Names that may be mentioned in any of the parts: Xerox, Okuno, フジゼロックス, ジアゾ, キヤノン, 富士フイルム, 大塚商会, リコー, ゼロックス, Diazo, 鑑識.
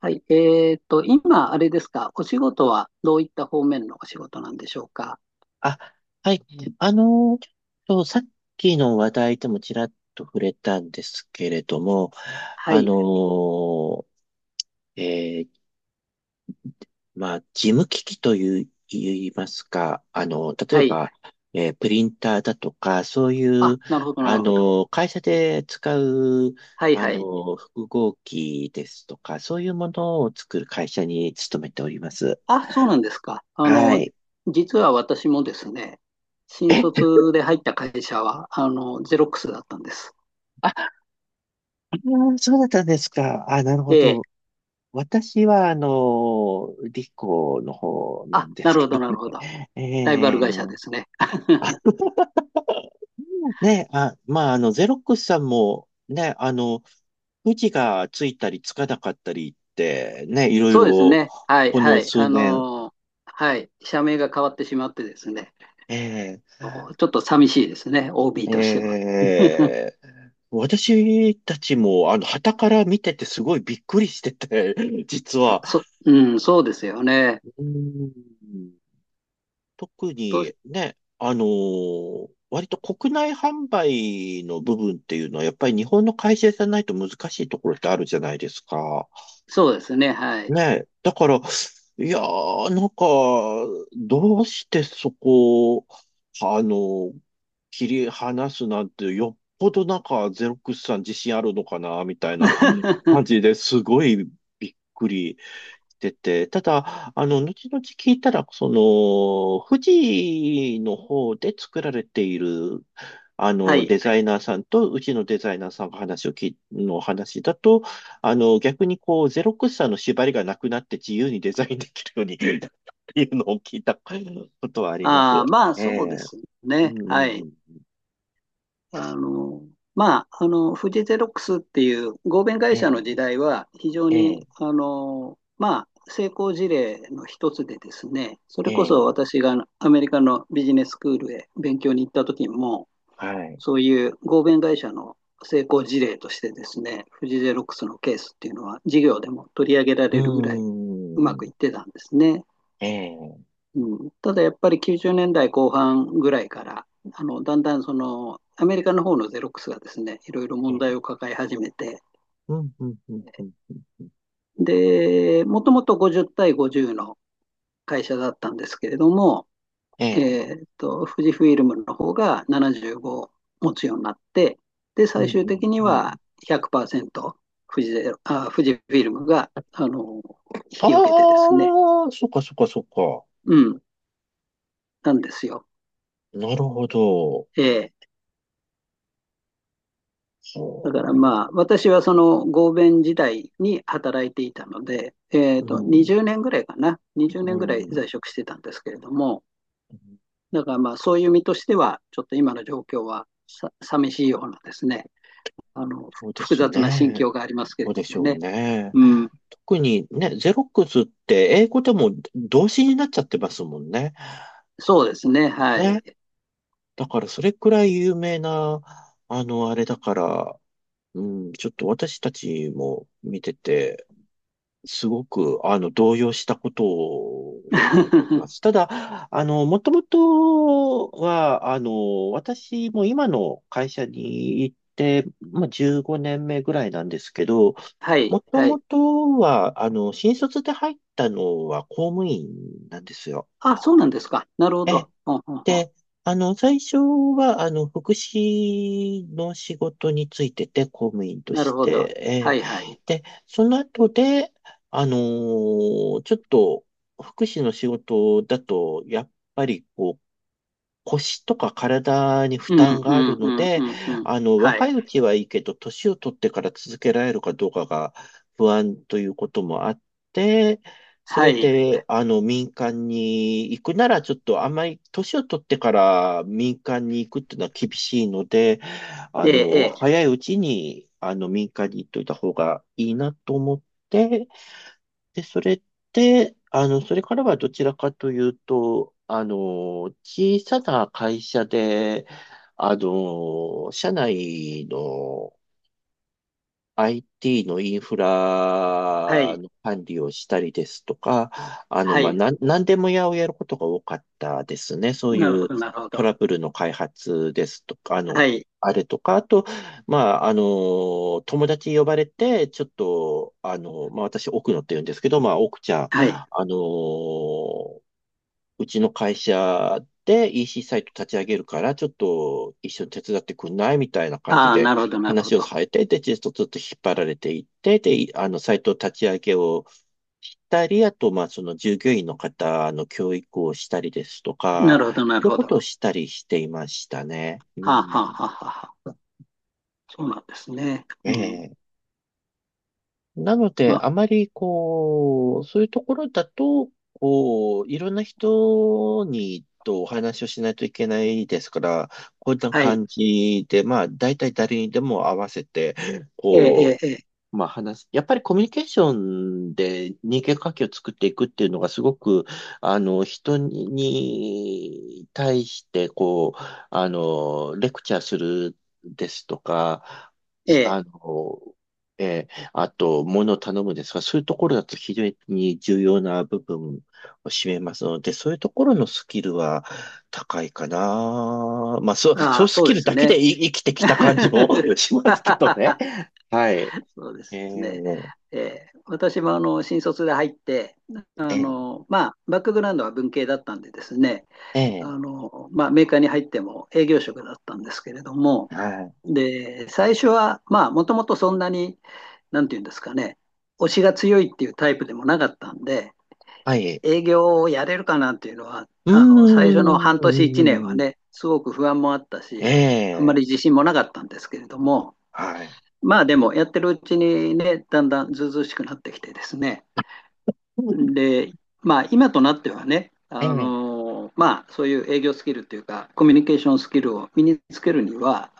はい。今、あれですか、お仕事はどういった方面のお仕事なんでしょうか。あ、はい。うん、あの、ちょっとさっきの話題でもちらっと触れたんですけれども、はあい。の、えー事務機器という、言いますか、例えはい。ば、プリンターだとか、そういう、あ、なるほど、なあるほど。の、会社で使う、はい、はい。複合機ですとか、そういうものを作る会社に勤めております。あ、そうなんですか。あはの、い。実は私もですね、新え、卒で入った会社は、あの、ゼロックスだったんです。あ、そうだったんですか。あ、なるほええ。ど。私は、理工の方なあ、んでなするけほど、どなるほど。ね。ライバルえ会社でーすね。ね、あ、まあ、ゼロックスさんも、ね、富士がついたりつかなかったりって、ね、いろいそうですろ、ね。はい、こはのい。数あ年、の、はい。社名が変わってしまってですね、えちょっと寂しいですね、OB ーとしては。えー私たちも、傍から見ててすごいびっくりしてて、実は。うん、そうですよね。うん、特と、にね、割と国内販売の部分っていうのは、やっぱり日本の会社じゃないと難しいところってあるじゃないですか。そうですね、はい。ね、だから、いやー、なんか、どうしてそこを、あの、切り離すなんて、よっぽどなんか、ゼロックスさん自信あるのかな、みたいな感じ ですごいびっくりてて、ただ、後々聞いたら、その、富士の方で作られている、はい。デザイナーさんと、うちのデザイナーさんが話をき、の話だと、逆にこう、ゼロクスさんの縛りがなくなって自由にデザインできるように っていうのを聞いたことはあります。ああ、まあ、えそうでえ、すうね。はい。ん、あの、まあ、あの、フジゼロックスっていう合弁え会社のえ、時代は、非常ええ、に、あの、まあ、成功事例の一つでですね、そえれこそえ、私がアメリカのビジネススクールへ勉強に行った時も、はい。そういう合弁会社の成功事例としてですね、富士ゼロックスのケースっていうのは事業でも取り上げらうれるぐらいうまくいっん、てたんですね。ええ、うん、ただやっぱり90年代後半ぐらいから、あのだんだんそのアメリカの方のゼロックスがですね、いろいろえ問題え、を抱え始めて、うん、うん、うん、うん、うんでもともと50対50の会社だったんですけれども、ええ。富士フイルムの方が75持つようになって、で、うん、最終的にうん、うん。は100%富士ゼロ、あ、富士フィルムが、あの、引あき受けてですね。あ、そっかそっかそっか。うん、なんですよ。なるほど。ええ、だからまあ、そ私はその合弁時代に働いていたので、う。うん、20年ぐらいかな、20う年ぐらいん。在職してたんですけれども、だからまあ、そういう身としては、ちょっと今の状況はさ寂しいようなですね、あの、そうで複す雑な心ね。境がありますけそれうどでしもょうね。ね。うん、特にね、ゼロックスって英語でも動詞になっちゃってますもんね。そうですね。はい。ね。だからそれくらい有名な、あれだから、うん、ちょっと私たちも見てて、すごく、動揺したことを覚えてます。ただ、もともとは、私も今の会社に行って、まあ、15年目ぐらいなんですけど、はい、もとはもい。とは、新卒で入ったのは公務員なんですよ。あ、そうなんですか。なるほえど。ほんほんほん。で、あの、最初は、福祉の仕事についてて、公務員となるしほど。はて、えい、はい。ーで、その後で、ちょっと、福祉の仕事だと、やっぱり、こう、腰とか体に負う担ん、うがあるん、うのん、うで、ん、うん。は若い、いうちはいいけど、年を取ってから続けられるかどうかが不安ということもあって、そはれい。で、民間に行くなら、ちょっとあんまり、年を取ってから民間に行くっていうのは厳しいので、ええ、ええ。早いうちに、民間に行っといた方がいいなと思って、で、それって、あの、それからはどちらかというと、小さな会社で、社内の IT のインフはラい、の管理をしたりですとか、はい。なんでも屋をやることが多かったですね。そうなるいほうど、なるほトど。ラブルの開発ですとか、はい、あれとか、あと、まあ、友達呼ばれて、ちょっと、あの、まあ、私、奥野って言うんですけど、まあ、奥ちゃん、はい。うちの会社で EC サイト立ち上げるから、ちょっと一緒に手伝ってくんないみたいな感じああ、でなるほど、なるほ話をさど。れて、で、ちょっとずっと引っ張られていって、で、サイト立ち上げをしたり、あと、まあ、その従業員の方の教育をしたりですとなか、るほど、なるそういうほこど。とをはしたりしていましたね。うあ、はん、あ、はあ、はあ。そうなんですね。うん。ええなので、まあ、あまり、こう、そういうところだと、こう、いろんな人とお話をしないといけないですから、こういったはい。感じで、まあ、大体誰にでも合わせて、えこえ、えう、まあ話す、やっぱりコミュニケーションで人間関係を作っていくっていうのがすごく、人に対して、こう、レクチャーするですとか、え、えしえ。ええ、あの、えーあと、物を頼むですが、そういうところだと非常に重要な部分を占めますので、そういうところのスキルは高いかな。まあ、そう、あそうあ、スそうキでルすだけね。で生きてきた感じも しますけどね。はい。そうでえすね。え、私もあの新卒で入って、えあえ、のまあ、バックグラウンドは文系だったんでですね、えあえ、のまあ、メーカーに入っても営業職だったんですけれども、はい、で最初は、まあ、もともとそんなに、なんていうんですかね、推しが強いっていうタイプでもなかったんで、はい。営業をやれるかなっていうのは、うーあの最初の半年、1年はん、ね、すごく不安もあったえし、あんまりえ、自信もなかったんですけれども、はい。まあでもやってるうちにね、だんだんずうずうしくなってきてですね。で、まあ今となってはね、えあえ、のまあそういう営業スキルというか、コミュニケーションスキルを身につけるには、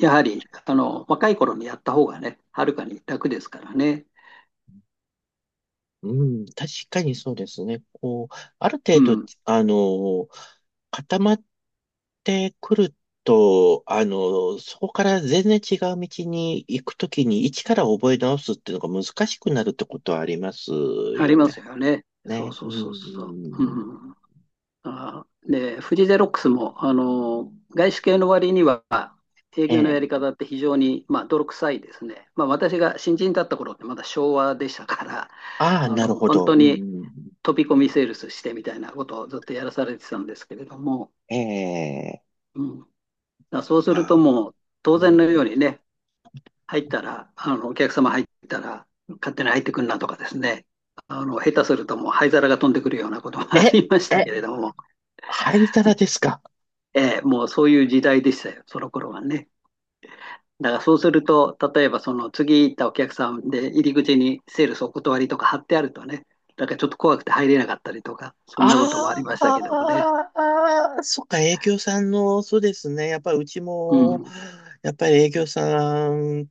やはりあの若い頃にやった方がね、はるかに楽ですからね。うん、確かにそうですね。こう、あるう程度、ん、あの、固まってくると、そこから全然違う道に行くときに、一から覚え直すっていうのが難しくなるってことはありますありよまね。すよね。ね。うん、そうう。んうん、あー、で、フジゼロックスも、あの、外資系の割には、営え業のやえ。り方って非常に、まあ、泥臭いですね。まあ、私が新人だった頃ってまだ昭和でしたから、ああ、あなの、るほ本ど。う当ん、うにん飛び込うみんセールスしてみたいなことをずっとやらされてたんですけれども、ええ、うん。だからそうするとあもう、当う然のよん、うにね、入ったら、あの、お客様入ったら、勝手に入ってくんなとかですね、あの、下手するともう灰皿が飛んでくるようなこともあえ、りましたえ、けれども、灰皿ですか。ええ、もうそういう時代でしたよ、その頃はね。だからそうすると、例えばその次行ったお客さんで入り口にセールスお断りとか貼ってあるとね、だからちょっと怖くて入れなかったりとか、そんなこともありあましーたけどもね。あー、そっか、営業さんの、そうですね。やっぱりうちうも、ん。やっぱり営業さん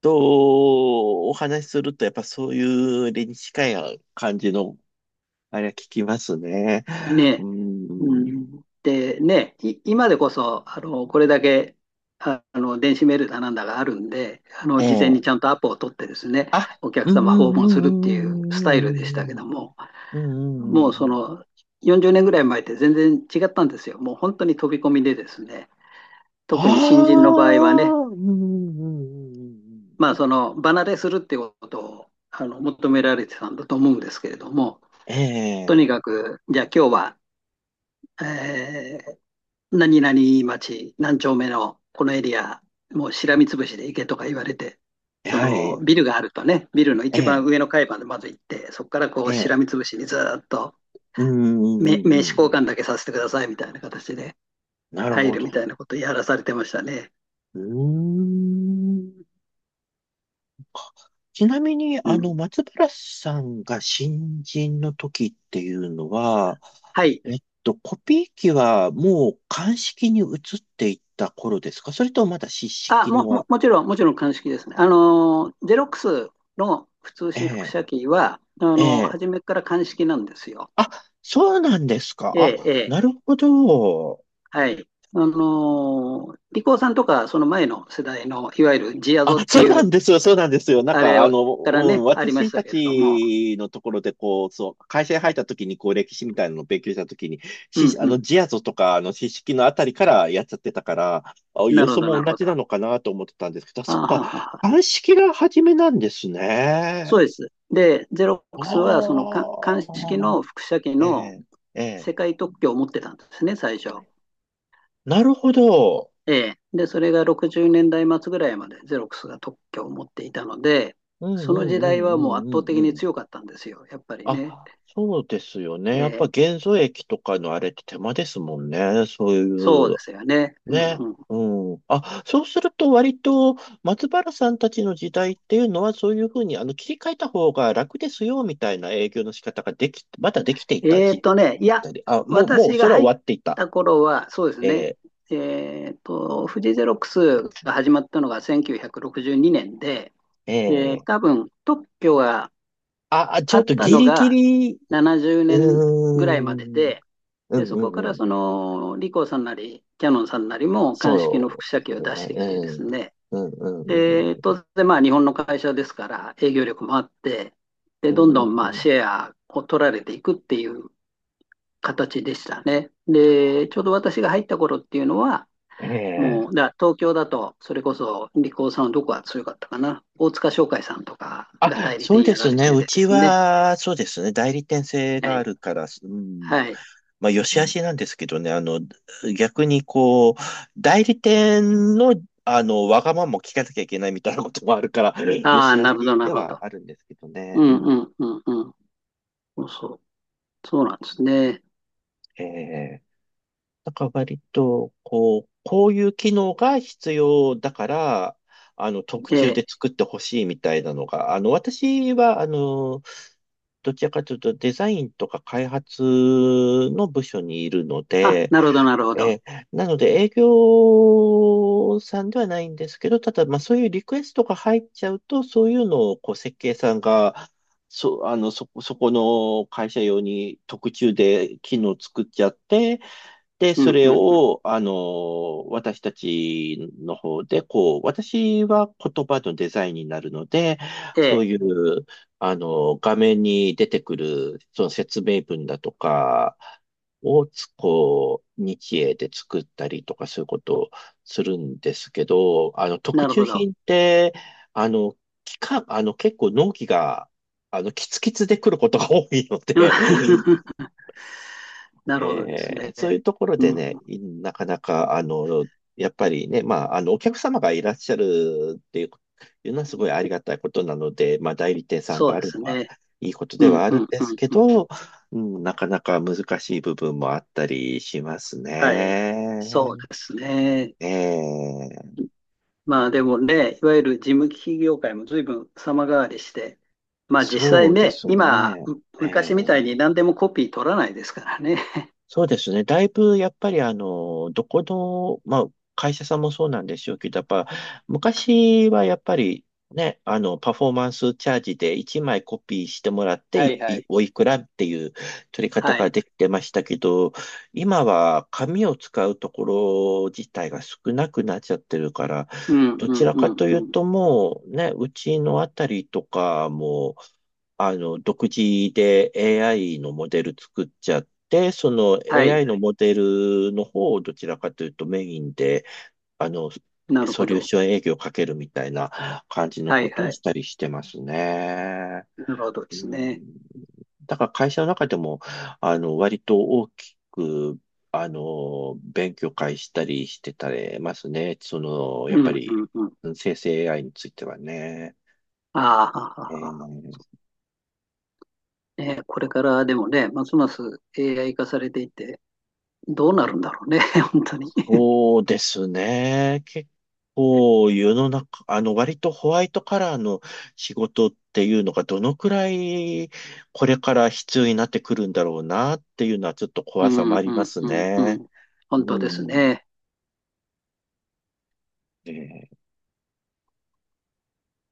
とお話しすると、やっぱそういう理に近い感じの、あれは聞きますね。ねえ。ううん。ん。で、ねえ、今でこそ、あの、これだけ、あの、電子メールだなんだがあるんで、あの、事え前にえ、ちゃんとアポを取ってですね、あ、お客うんう様訪んう問するっていうスタイルでしたけんども、うんうんうんうんうんうんもうんううんうんそうん。の40年ぐらい前って全然違ったんですよ。もう本当に飛び込みでですね、あ特に新人の場合はね、あ、うん、うん、うん、うんまうあんその離れするっていうことをあの求められてたんだと思うんですけれども、とえにかく、じゃあ今日は、えー何々町何丁目のこのエリア、もうしらみつぶしで行けとか言われて、え、そはい、のえビルがあるとね、ビルの一番え、上の階までまず行って、そこからこえうしえ、らみつぶしにずっとうん、うん、う名ん、刺うん交うん。換だけさせてくださいみたいな形でなる入ほるみたいど。なことをやらされてましたね。うーん。ちなみに、うん。松原さんが新人の時っていうのは、はい。えっと、コピー機はもう鑑識に移っていった頃ですか、それともまだ湿あ、式のは、もちろん、もちろん鑑識ですね。あのー、ゼロックスの普通え紙複え、写機は、あえのー、え。初めから鑑識なんですよ。あ、そうなんですか。ええ、あ、ええ、なるほど。はい。あのー、リコーさんとか、その前の世代の、いわゆるジアゾあ、ってそういなう、んですよ、そうなんですよ。なんあか、れをからうね、ん、ありまし私たたけれども。ちのところで、こう、そう、会社に入った時に、こう、歴史みたいなのを勉強した時に、うんし、あうの、ん。ジアゾとか、四式のあたりからやっちゃってたから、あ、なよるほそど、なもる同ほじど。なあのかなと思ってたんですけど、はそっか、はは。鑑識が初めなんですそうね。です。で、ゼロックスは、そのあか鑑識あ、の複写機えのえ、ええ。世界特許を持ってたんですね、最初。なるほど。ええ、で、それが60年代末ぐらいまでゼロックスが特許を持っていたので、うん、そうのん、時う代はもうん、圧う倒ん、うん、的うにん。強かったんですよ、やっぱりね。あ、そうですよね。えやっぱえ、元素液とかのあれって手間ですもんね。そういそうう、ですよね。うんね。うん、うん。あ、そうすると割と松原さんたちの時代っていうのはそういうふうに切り替えた方が楽ですよみたいな営業の仕方ができ、まだできていた時いあっや、たり。あ、もう、もう私そがれは入っ終わっていた。た頃は、そうですね、え富士ゼロックスが始まったのが1962年で、ー、えで、ー、多分特許があ、あちあょっっとたギのリギがリ、う70ー年ぐらいまでん、で、うで、んそうこかんうらん。そのリコーさんなり、キヤノンさんなりも鑑識その複写機をう出しですね。てきてでうん。すね、うんうんで、うん当然まあ日本の会社ですから営業力もあって、で、うどん。んうどんんうまあんうシんェアを取られていくっていう形でしたね。で、ちょうど私が入った頃っていうのは、えもう、え。だから東京だと、それこそ、リコーさんはどこが強かったかな。大塚商会さんとかがあ、代理そう店でやらすれね。てうてでちすね。は、そうですね。代理店制はがあい。るから、うん、はい。まあ、よし悪しなんですけどね。逆にこう、代理店のわがままも聞かなきゃいけないみたいなこともあるから、よああ、し悪なしるほど、なるでほはど。あるんですけどうね。うん、ん、うん、うん、うん。そうそう。そうなんですね。ええなんから割と、こう、こういう機能が必要だから、特え注え。で作ってほしいみたいなのが、あの、私は、どちらかというとデザインとか開発の部署にいるのあ、で、なるほど、なるほど。なので営業さんではないんですけど、ただ、まあそういうリクエストが入っちゃうと、そういうのをこう設計さんが、そ、あの、そこ、そこの会社用に特注で機能作っちゃって、で、うそん、うれん、うん。を、私たちの方で、こう、私は言葉のデザインになるので、えそうえ、いう、画面に出てくる、その説明文だとかをこう、日英で作ったりとか、そういうことをするんですけど、特なる注ほど。品って、あの、期間、あの、結構納期が、キツキツで来ることが多いので、なるほどですね。そういうところでうん、ね、なかなか、やっぱりね、まあ、お客様がいらっしゃるっていうのはすごいありがたいことなので、まあ、代理店さんそがうあでるのすはね。いいことうでん、はあうるん、んうん、ですけうん。ど、うん、なかなか難しい部分もあったりしますはい。ね。そうですね。えーまあでもね、いわゆる事務機器業界も随分様変わりして、まあ実そ際うでね、す今、ね。え昔みたいーに何でもコピー取らないですからね。そうですね。だいぶ、やっぱり、どこの、まあ、会社さんもそうなんでしょうけど、やっぱ、昔はやっぱり、ね、パフォーマンスチャージで1枚コピーしてもらって、いはいはいい。おいくらっていう取り方はがい。できてましたけど、今は紙を使うところ自体が少なくなっちゃってるから、うん、どうちん、らうかん、といううん。ともう、ね、うちのあたりとかも、独自で AI のモデル作っちゃって、その はい。AI のモデルの方をどちらかというとメインで、あの、なるソほリューど。ション営業をかけるみたいな感じのはこいとはをい。したりしてますね。なるほどでうすん、ね。だから会社の中でも、割と大きく、勉強会したりしてたりますね。その、うやっぱんうり、んうん。うん、生成 AI についてはね。ああ、ははえはは。ーね、これからでもね、ますます AI 化されていって、どうなるんだろうね、本当に。そうですね。結構世の中、あの割とホワイトカラーの仕事っていうのがどのくらいこれから必要になってくるんだろうなっていうのはちょっとう怖さもんありうまんすうんうね。ん。う本当ですん。ね。ね